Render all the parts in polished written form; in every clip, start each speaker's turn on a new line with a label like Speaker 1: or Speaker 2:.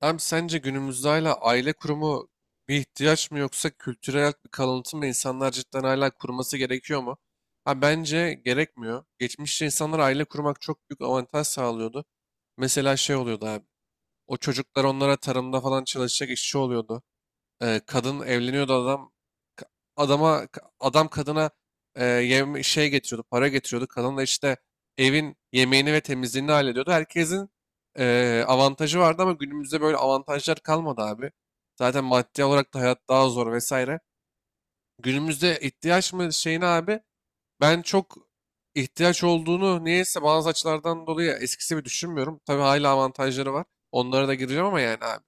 Speaker 1: Abi sence günümüzde hala aile kurumu bir ihtiyaç mı, yoksa kültürel bir kalıntı mı? İnsanlar cidden hala kurması gerekiyor mu? Ha, bence gerekmiyor. Geçmişte insanlar aile kurmak çok büyük avantaj sağlıyordu. Mesela şey oluyordu abi. O çocuklar onlara tarımda falan çalışacak işçi oluyordu. Kadın evleniyordu, adam ka- adama ka- adam kadına şey getiriyordu, para getiriyordu. Kadın da işte evin yemeğini ve temizliğini hallediyordu. Herkesin avantajı vardı, ama günümüzde böyle avantajlar kalmadı abi. Zaten maddi olarak da hayat daha zor vesaire. Günümüzde ihtiyaç mı şeyine abi, ben çok ihtiyaç olduğunu niyeyse bazı açılardan dolayı eskisi gibi düşünmüyorum. Tabii hala avantajları var. Onlara da gireceğim ama yani abi.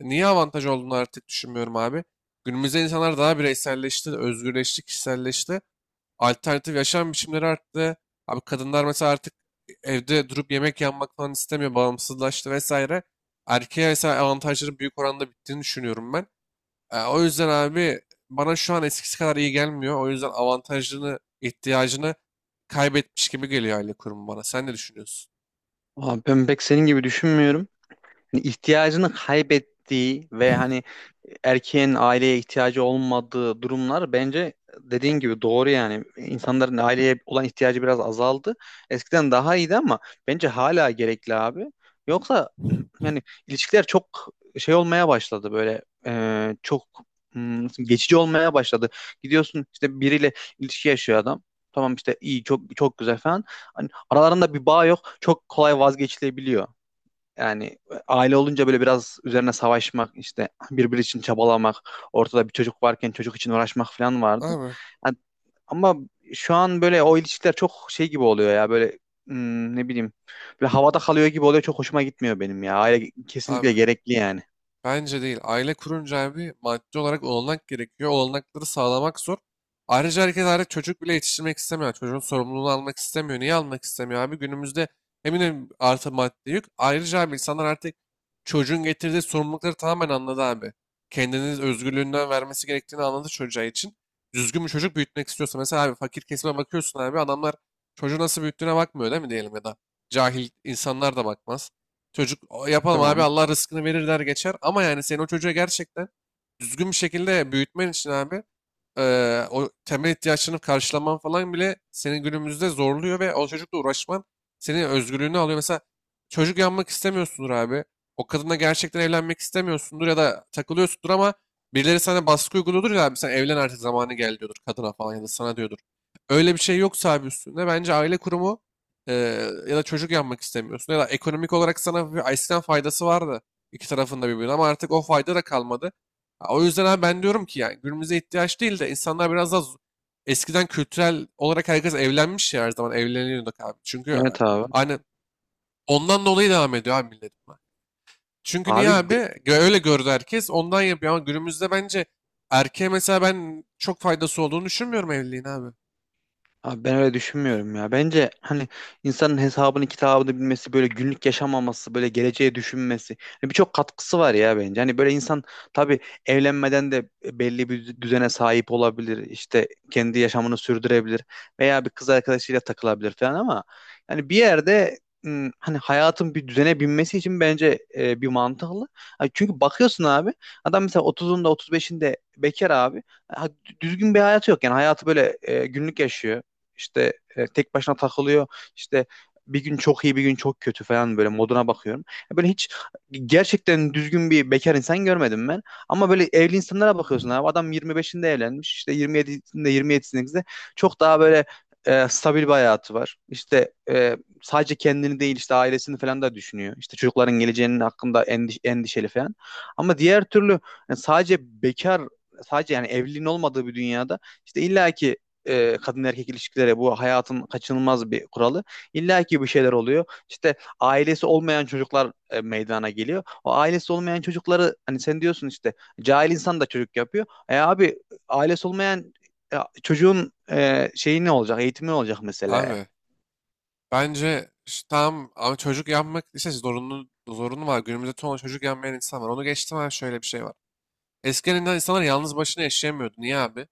Speaker 1: Niye avantaj olduğunu artık düşünmüyorum abi. Günümüzde insanlar daha bireyselleşti, özgürleşti, kişiselleşti. Alternatif yaşam biçimleri arttı. Abi kadınlar mesela artık evde durup yemek yapmak falan istemiyor, bağımsızlaştı vesaire. Erkeğe mesela avantajların büyük oranda bittiğini düşünüyorum ben. O yüzden abi, bana şu an eskisi kadar iyi gelmiyor. O yüzden avantajını, ihtiyacını kaybetmiş gibi geliyor aile kurumu bana. Sen ne düşünüyorsun?
Speaker 2: Abi ben pek senin gibi düşünmüyorum. Hani ihtiyacını kaybettiği ve hani erkeğin aileye ihtiyacı olmadığı durumlar bence dediğin gibi doğru yani. İnsanların aileye olan ihtiyacı biraz azaldı. Eskiden daha iyiydi ama bence hala gerekli abi. Yoksa yani ilişkiler çok şey olmaya başladı böyle çok geçici olmaya başladı. Gidiyorsun işte biriyle ilişki yaşıyor adam. Tamam işte iyi çok çok güzel falan. Hani aralarında bir bağ yok. Çok kolay vazgeçilebiliyor. Yani aile olunca böyle biraz üzerine savaşmak, işte birbiri için çabalamak, ortada bir çocuk varken çocuk için uğraşmak falan vardı.
Speaker 1: Abi
Speaker 2: Yani ama şu an böyle o ilişkiler çok şey gibi oluyor ya böyle ne bileyim, böyle havada kalıyor gibi oluyor, çok hoşuma gitmiyor benim ya. Aile kesinlikle
Speaker 1: Abi.
Speaker 2: gerekli yani.
Speaker 1: Bence değil. Aile kurunca abi, maddi olarak olanak gerekiyor. Olanakları sağlamak zor. Ayrıca herkes artık çocuk bile yetiştirmek istemiyor. Çocuğun sorumluluğunu almak istemiyor. Niye almak istemiyor abi? Günümüzde eminim artı maddi yük. Ayrıca abi, insanlar artık çocuğun getirdiği sorumlulukları tamamen anladı abi. Kendini özgürlüğünden vermesi gerektiğini anladı çocuğa için. Düzgün bir çocuk büyütmek istiyorsa. Mesela abi fakir kesime bakıyorsun abi. Adamlar çocuğu nasıl büyüttüğüne bakmıyor, değil mi, diyelim ya da. Cahil insanlar da bakmaz. Çocuk, "O, yapalım abi,
Speaker 2: Tamam.
Speaker 1: Allah rızkını verir," der geçer. Ama yani senin o çocuğa gerçekten düzgün bir şekilde büyütmen için abi, o temel ihtiyaçlarını karşılaman falan bile seni günümüzde zorluyor ve o çocukla uğraşman senin özgürlüğünü alıyor. Mesela çocuk yapmak istemiyorsundur abi. O kadınla gerçekten evlenmek istemiyorsundur ya da takılıyorsundur, ama birileri sana baskı uyguluyordur ya abi, sen evlen artık zamanı geldi diyordur kadına falan ya da sana diyordur. Öyle bir şey yoksa abi üstünde, bence aile kurumu, eee, ya da çocuk yapmak istemiyorsun, ya da ekonomik olarak sana bir eskiden faydası vardı iki tarafında birbirine, ama artık o fayda da kalmadı. O yüzden abi ben diyorum ki, yani günümüze ihtiyaç değil de, insanlar biraz daha eskiden kültürel olarak herkes evlenmiş ya, her zaman evleniyorduk abi. Çünkü
Speaker 2: Evet abi.
Speaker 1: hani ondan dolayı devam ediyor abi millet buna. Çünkü niye
Speaker 2: Abi
Speaker 1: abi?
Speaker 2: de-
Speaker 1: Öyle gördü herkes, ondan yapıyor. Ama günümüzde bence erkeğe mesela ben çok faydası olduğunu düşünmüyorum evliliğin abi.
Speaker 2: Abi ben öyle düşünmüyorum ya. Bence hani insanın hesabını kitabını bilmesi, böyle günlük yaşamaması, böyle geleceğe düşünmesi. Hani birçok katkısı var ya bence. Hani böyle insan tabii evlenmeden de belli bir düzene sahip olabilir. İşte kendi yaşamını sürdürebilir veya bir kız arkadaşıyla takılabilir falan, ama yani bir yerde hani hayatın bir düzene binmesi için bence bir mantıklı. Ha, çünkü bakıyorsun abi, adam mesela 30'unda 35'inde bekar abi. Ha, düzgün bir hayatı yok, yani hayatı böyle günlük yaşıyor, işte tek başına takılıyor. İşte bir gün çok iyi, bir gün çok kötü falan, böyle moduna bakıyorum. Böyle hiç gerçekten düzgün bir bekar insan görmedim ben. Ama böyle evli insanlara bakıyorsun abi. Adam 25'inde evlenmiş. İşte 27'sinde çok daha böyle stabil bir hayatı var. İşte sadece kendini değil işte ailesini falan da düşünüyor. İşte çocukların geleceğinin hakkında endişeli falan. Ama diğer türlü, yani sadece bekar, sadece yani evliliğin olmadığı bir dünyada, işte illaki kadın erkek ilişkileri bu hayatın kaçınılmaz bir kuralı. İlla ki bir şeyler oluyor. İşte ailesi olmayan çocuklar meydana geliyor. O ailesi olmayan çocukları, hani sen diyorsun işte cahil insan da çocuk yapıyor. E abi, ailesi olmayan e, çocuğun şeyi ne olacak? Eğitimi ne olacak mesela?
Speaker 1: Abi bence tamam, ama çocuk yapmak işte zorunlu var. Günümüzde çoğu çocuk yapmayan insan var. Onu geçtim abi, şöyle bir şey var. Eskiden insanlar yalnız başına yaşayamıyordu. Niye abi?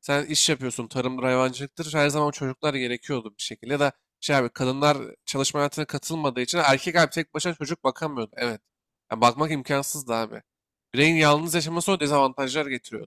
Speaker 1: Sen iş yapıyorsun, tarımdır, hayvancılıktır. Her zaman çocuklar gerekiyordu bir şekilde. Ya da şey abi, kadınlar çalışma hayatına katılmadığı için erkek abi tek başına çocuk bakamıyordu. Evet. Yani bakmak imkansızdı abi. Bireyin yalnız yaşaması o dezavantajlar getiriyor.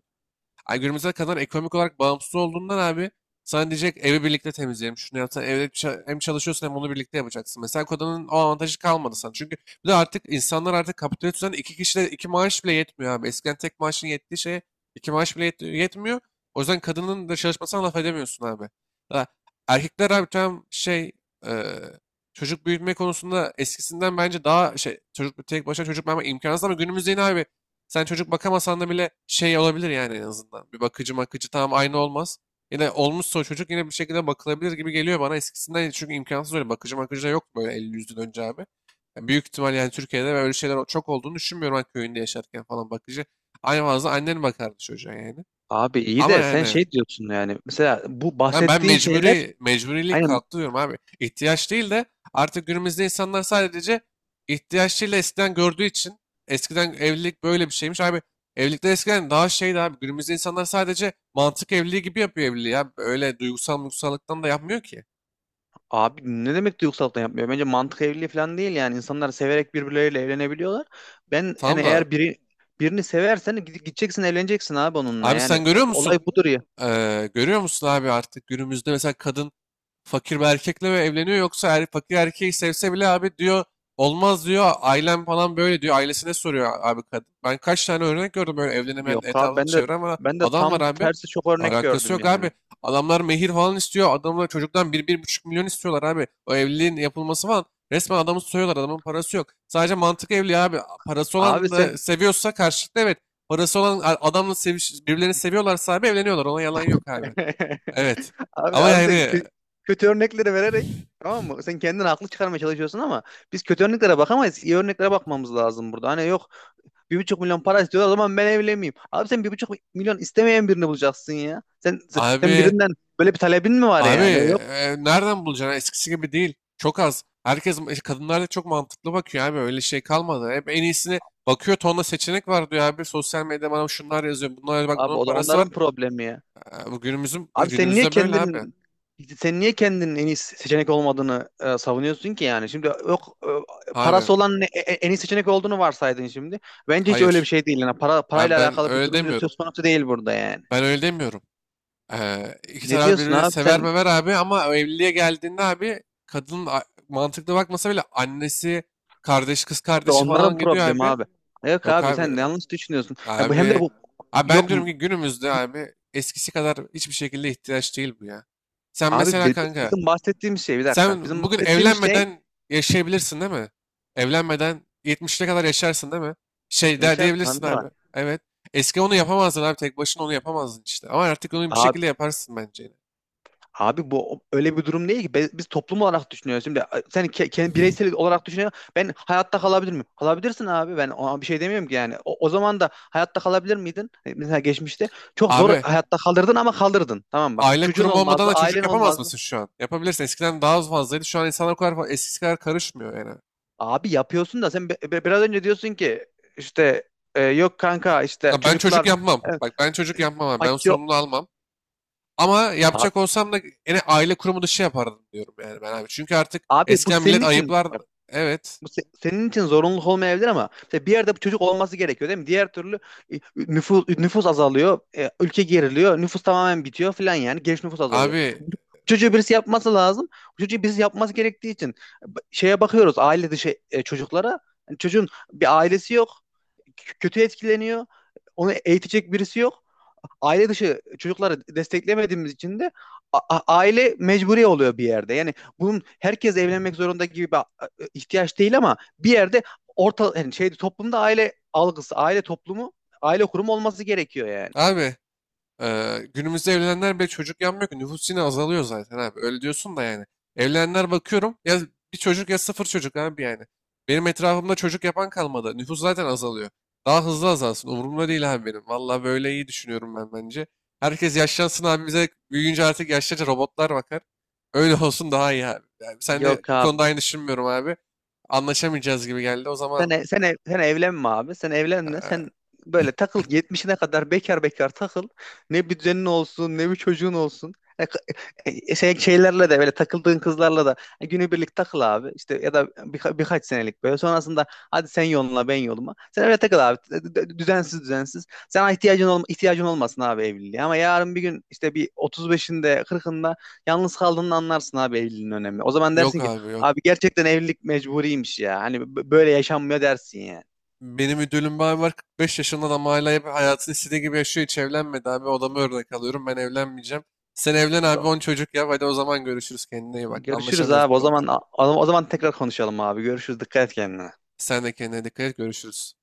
Speaker 1: Ay günümüze kadar ekonomik olarak bağımsız olduğundan abi, sana diyecek evi birlikte temizleyelim. Şunu yapsan evde hem çalışıyorsun hem onu birlikte yapacaksın. Mesela kodanın o avantajı kalmadı sana. Çünkü bir de artık insanlar artık kapitalist düzende iki kişide iki maaş bile yetmiyor abi. Eskiden tek maaşın yettiği şeye iki maaş bile yetmiyor. O yüzden kadının da çalışmasına laf edemiyorsun abi. Ha, erkekler abi tam şey, eee, çocuk büyütme konusunda eskisinden bence daha şey, çocuk tek başına çocuk büyütme imkansız, ama günümüzde yine abi sen çocuk bakamasan da bile şey olabilir, yani en azından. Bir bakıcı makıcı, tamam aynı olmaz. Yine olmuşsa o çocuk yine bir şekilde bakılabilir gibi geliyor bana eskisinden. Çünkü imkansız, öyle bakıcı makıcı da yok böyle elli yüzden önce abi. Yani büyük ihtimal yani Türkiye'de böyle şeyler çok olduğunu düşünmüyorum ben, köyünde yaşarken falan bakıcı. Aynı fazla annen bakardı çocuğa yani.
Speaker 2: Abi iyi
Speaker 1: Ama
Speaker 2: de sen
Speaker 1: yani
Speaker 2: şey diyorsun, yani mesela bu
Speaker 1: ben
Speaker 2: bahsettiğin şeyler
Speaker 1: mecburilik
Speaker 2: aynen.
Speaker 1: kalktı diyorum abi. İhtiyaç değil de artık günümüzde insanlar sadece ihtiyaç değil de eskiden gördüğü için eskiden evlilik böyle bir şeymiş. Abi evlilikler eskiden daha şeydi abi. Günümüzde insanlar sadece mantık evliliği gibi yapıyor evliliği. Ya. Öyle duygusallıktan da yapmıyor ki.
Speaker 2: Abi, ne demek duygusallıktan yapmıyor? Bence mantık evliliği falan değil yani. İnsanlar severek birbirleriyle evlenebiliyorlar. Ben yani
Speaker 1: Tamam da
Speaker 2: eğer biri birini seversen gideceksin evleneceksin abi onunla.
Speaker 1: abi,
Speaker 2: Yani
Speaker 1: sen görüyor musun?
Speaker 2: olay budur ya.
Speaker 1: Görüyor musun abi, artık günümüzde mesela kadın fakir bir erkekle ve evleniyor. Yoksa fakir erkeği sevse bile abi diyor olmaz diyor. Ailem falan böyle diyor. Ailesine soruyor abi kadın. Ben kaç tane örnek gördüm böyle evlenemeyen,
Speaker 2: Yok abi,
Speaker 1: etrafını
Speaker 2: ben de
Speaker 1: çeviren ama
Speaker 2: ben de
Speaker 1: adam var
Speaker 2: tam
Speaker 1: abi.
Speaker 2: tersi çok örnek
Speaker 1: Alakası
Speaker 2: gördüm
Speaker 1: yok
Speaker 2: yani.
Speaker 1: abi. Adamlar mehir falan istiyor. Adamlar çocuktan bir buçuk milyon istiyorlar abi. O evliliğin yapılması falan. Resmen adamı soyuyorlar. Adamın parası yok. Sadece mantık evli abi. Parası
Speaker 2: Abi
Speaker 1: olan
Speaker 2: sen
Speaker 1: da seviyorsa karşılıklı, evet. Parası olan adamla seviş, birbirlerini seviyorlarsa abi evleniyorlar. Ona yalan yok abi. Evet.
Speaker 2: abi
Speaker 1: Ama
Speaker 2: abi sen
Speaker 1: yani
Speaker 2: kötü örnekleri vererek, tamam mı? Sen kendini haklı çıkarmaya çalışıyorsun ama biz kötü örneklere bakamayız. İyi örneklere bakmamız lazım burada. Hani yok, 1,5 milyon para istiyorlar, o zaman ben evlenmeyeyim. Abi sen 1,5 milyon istemeyen birini bulacaksın ya. Sen
Speaker 1: Abi,
Speaker 2: birinden böyle bir talebin mi var
Speaker 1: abi,
Speaker 2: yani? Yok.
Speaker 1: nereden bulacaksın? Eskisi gibi değil. Çok az. Kadınlar da çok mantıklı bakıyor abi. Öyle şey kalmadı. Hep en iyisini bakıyor. Tonla seçenek var diyor abi. Sosyal medyada bana şunlar yazıyor. Bunlar bak,
Speaker 2: Abi
Speaker 1: bunun
Speaker 2: o da
Speaker 1: parası var.
Speaker 2: onların problemi ya.
Speaker 1: E, Bu günümüzün, e,
Speaker 2: Abi sen niye
Speaker 1: günümüzde böyle abi.
Speaker 2: kendin, sen niye kendinin en iyi seçenek olmadığını savunuyorsun ki yani? Şimdi, yok
Speaker 1: Abi,
Speaker 2: parası olan en iyi seçenek olduğunu varsaydın şimdi. Bence hiç öyle bir
Speaker 1: hayır.
Speaker 2: şey değil. Yani para,
Speaker 1: Abi
Speaker 2: parayla
Speaker 1: ben
Speaker 2: alakalı bir
Speaker 1: öyle
Speaker 2: durum diyor,
Speaker 1: demiyorum.
Speaker 2: söz konusu değil burada yani.
Speaker 1: Ben öyle demiyorum. İki
Speaker 2: Ne
Speaker 1: taraf
Speaker 2: diyorsun
Speaker 1: birbirini
Speaker 2: abi sen?
Speaker 1: sever mever abi, ama o evliliğe geldiğinde abi kadın mantıklı bakmasa bile annesi, kardeş, kız
Speaker 2: O da
Speaker 1: kardeşi
Speaker 2: onların
Speaker 1: falan gidiyor
Speaker 2: problemi
Speaker 1: abi.
Speaker 2: abi. Yok
Speaker 1: Yok
Speaker 2: abi,
Speaker 1: abi.
Speaker 2: sen yanlış düşünüyorsun. Ya bu hem de
Speaker 1: Abi,
Speaker 2: bu
Speaker 1: abi, ben
Speaker 2: yok.
Speaker 1: diyorum ki günümüzde abi eskisi kadar hiçbir şekilde ihtiyaç değil bu ya. Sen
Speaker 2: Abi
Speaker 1: mesela kanka,
Speaker 2: bizim bahsettiğimiz şey, bir dakika.
Speaker 1: sen
Speaker 2: Bizim
Speaker 1: bugün
Speaker 2: bahsettiğimiz şey
Speaker 1: evlenmeden yaşayabilirsin, değil mi? Evlenmeden 70'ine kadar yaşarsın, değil mi? Şey
Speaker 2: ne,
Speaker 1: der
Speaker 2: şart lan
Speaker 1: diyebilirsin
Speaker 2: ne
Speaker 1: abi.
Speaker 2: var?
Speaker 1: Evet. Eski onu yapamazdın abi, tek başına onu yapamazdın işte. Ama artık onu bir
Speaker 2: Abi,
Speaker 1: şekilde yaparsın bence yine.
Speaker 2: abi bu öyle bir durum değil ki. Biz, toplum olarak düşünüyoruz. Şimdi sen bireysel olarak düşünüyorsun. Ben hayatta kalabilir miyim? Kalabilirsin abi. Ben ona bir şey demiyorum ki yani. O, o zaman da hayatta kalabilir miydin? E, mesela geçmişte çok zor
Speaker 1: Abi
Speaker 2: hayatta kalırdın ama kalırdın. Tamam bak.
Speaker 1: aile
Speaker 2: Çocuğun
Speaker 1: kurumu olmadan
Speaker 2: olmazdı,
Speaker 1: da çocuk
Speaker 2: ailen
Speaker 1: yapamaz
Speaker 2: olmazdı.
Speaker 1: mısın şu an? Yapabilirsin. Eskiden daha az fazlaydı. Şu an insanlar o kadar eskisi kadar karışmıyor yani.
Speaker 2: Abi yapıyorsun da, sen biraz önce diyorsun ki işte yok kanka, işte
Speaker 1: Ya ben çocuk
Speaker 2: çocuklar
Speaker 1: yapmam.
Speaker 2: e,
Speaker 1: Bak ben çocuk yapmam abi. Ben o
Speaker 2: fakir.
Speaker 1: sorumluluğu almam. Ama
Speaker 2: Abi,
Speaker 1: yapacak olsam da yine aile kurumu dışı yapardım diyorum yani ben abi. Çünkü artık
Speaker 2: abi bu
Speaker 1: eskiden
Speaker 2: senin
Speaker 1: millet
Speaker 2: için.
Speaker 1: ayıplardı. Evet.
Speaker 2: Bu senin için zorunluluk olmayabilir, ama mesela bir yerde bu çocuk olması gerekiyor değil mi? Diğer türlü nüfus azalıyor, ülke geriliyor, nüfus tamamen bitiyor falan, yani genç nüfus azalıyor.
Speaker 1: Abi,
Speaker 2: Bu çocuğu birisi yapması lazım. Bu çocuğu birisi yapması gerektiği için şeye bakıyoruz, aile dışı çocuklara. Yani çocuğun bir ailesi yok, kötü etkileniyor, onu eğitecek birisi yok. Aile dışı çocukları desteklemediğimiz için de aile mecburi oluyor bir yerde. Yani bunun herkes evlenmek zorunda gibi bir ihtiyaç değil, ama bir yerde orta, yani şeyde, toplumda aile algısı, aile toplumu, aile kurumu olması gerekiyor yani.
Speaker 1: abi. Günümüzde evlenenler bile çocuk yapmıyor ki. Nüfus yine azalıyor zaten abi. Öyle diyorsun da yani. Evlenenler bakıyorum ya, bir çocuk ya sıfır çocuk abi yani. Benim etrafımda çocuk yapan kalmadı. Nüfus zaten azalıyor. Daha hızlı azalsın. Umurumda değil abi benim. Valla böyle iyi düşünüyorum ben, bence. Herkes yaşlansın abi, bize büyüyünce artık yaşlıca robotlar bakar. Öyle olsun, daha iyi abi. Yani sen de
Speaker 2: Yok
Speaker 1: bu
Speaker 2: abi.
Speaker 1: konuda aynı düşünmüyorum abi. Anlaşamayacağız gibi geldi. O
Speaker 2: Sen,
Speaker 1: zaman
Speaker 2: sen evlenme abi. Sen evlenme.
Speaker 1: eee,
Speaker 2: Sen böyle takıl, 70'ine kadar bekar bekar takıl. Ne bir düzenin olsun, ne bir çocuğun olsun. E, k- şeylerle de, böyle takıldığın kızlarla da günübirlik takıl abi. İşte, ya da birkaç senelik böyle. Sonrasında hadi sen yoluna ben yoluma. Sen öyle takıl abi. Düzensiz düzensiz. Sana ihtiyacın olmasın abi evliliğe. Ama yarın bir gün, işte bir 35'inde 40'ında yalnız kaldığını anlarsın abi, evliliğin önemi. O zaman
Speaker 1: yok
Speaker 2: dersin ki,
Speaker 1: abi yok.
Speaker 2: abi gerçekten evlilik mecburiymiş ya. Hani böyle yaşanmıyor dersin yani.
Speaker 1: Benim müdürüm bir abi var, 45 yaşında adam, hala hep hayatını istediği gibi yaşıyor, hiç evlenmedi abi, odama örnek alıyorum, ben evlenmeyeceğim. Sen evlen
Speaker 2: O da-
Speaker 1: abi, 10 çocuk yap, hadi o zaman görüşürüz, kendine iyi bak,
Speaker 2: Görüşürüz
Speaker 1: anlaşamıyoruz bu
Speaker 2: abi. O
Speaker 1: konuda.
Speaker 2: zaman o zaman tekrar konuşalım abi. Görüşürüz. Dikkat et kendine.
Speaker 1: Sen de kendine dikkat et, görüşürüz.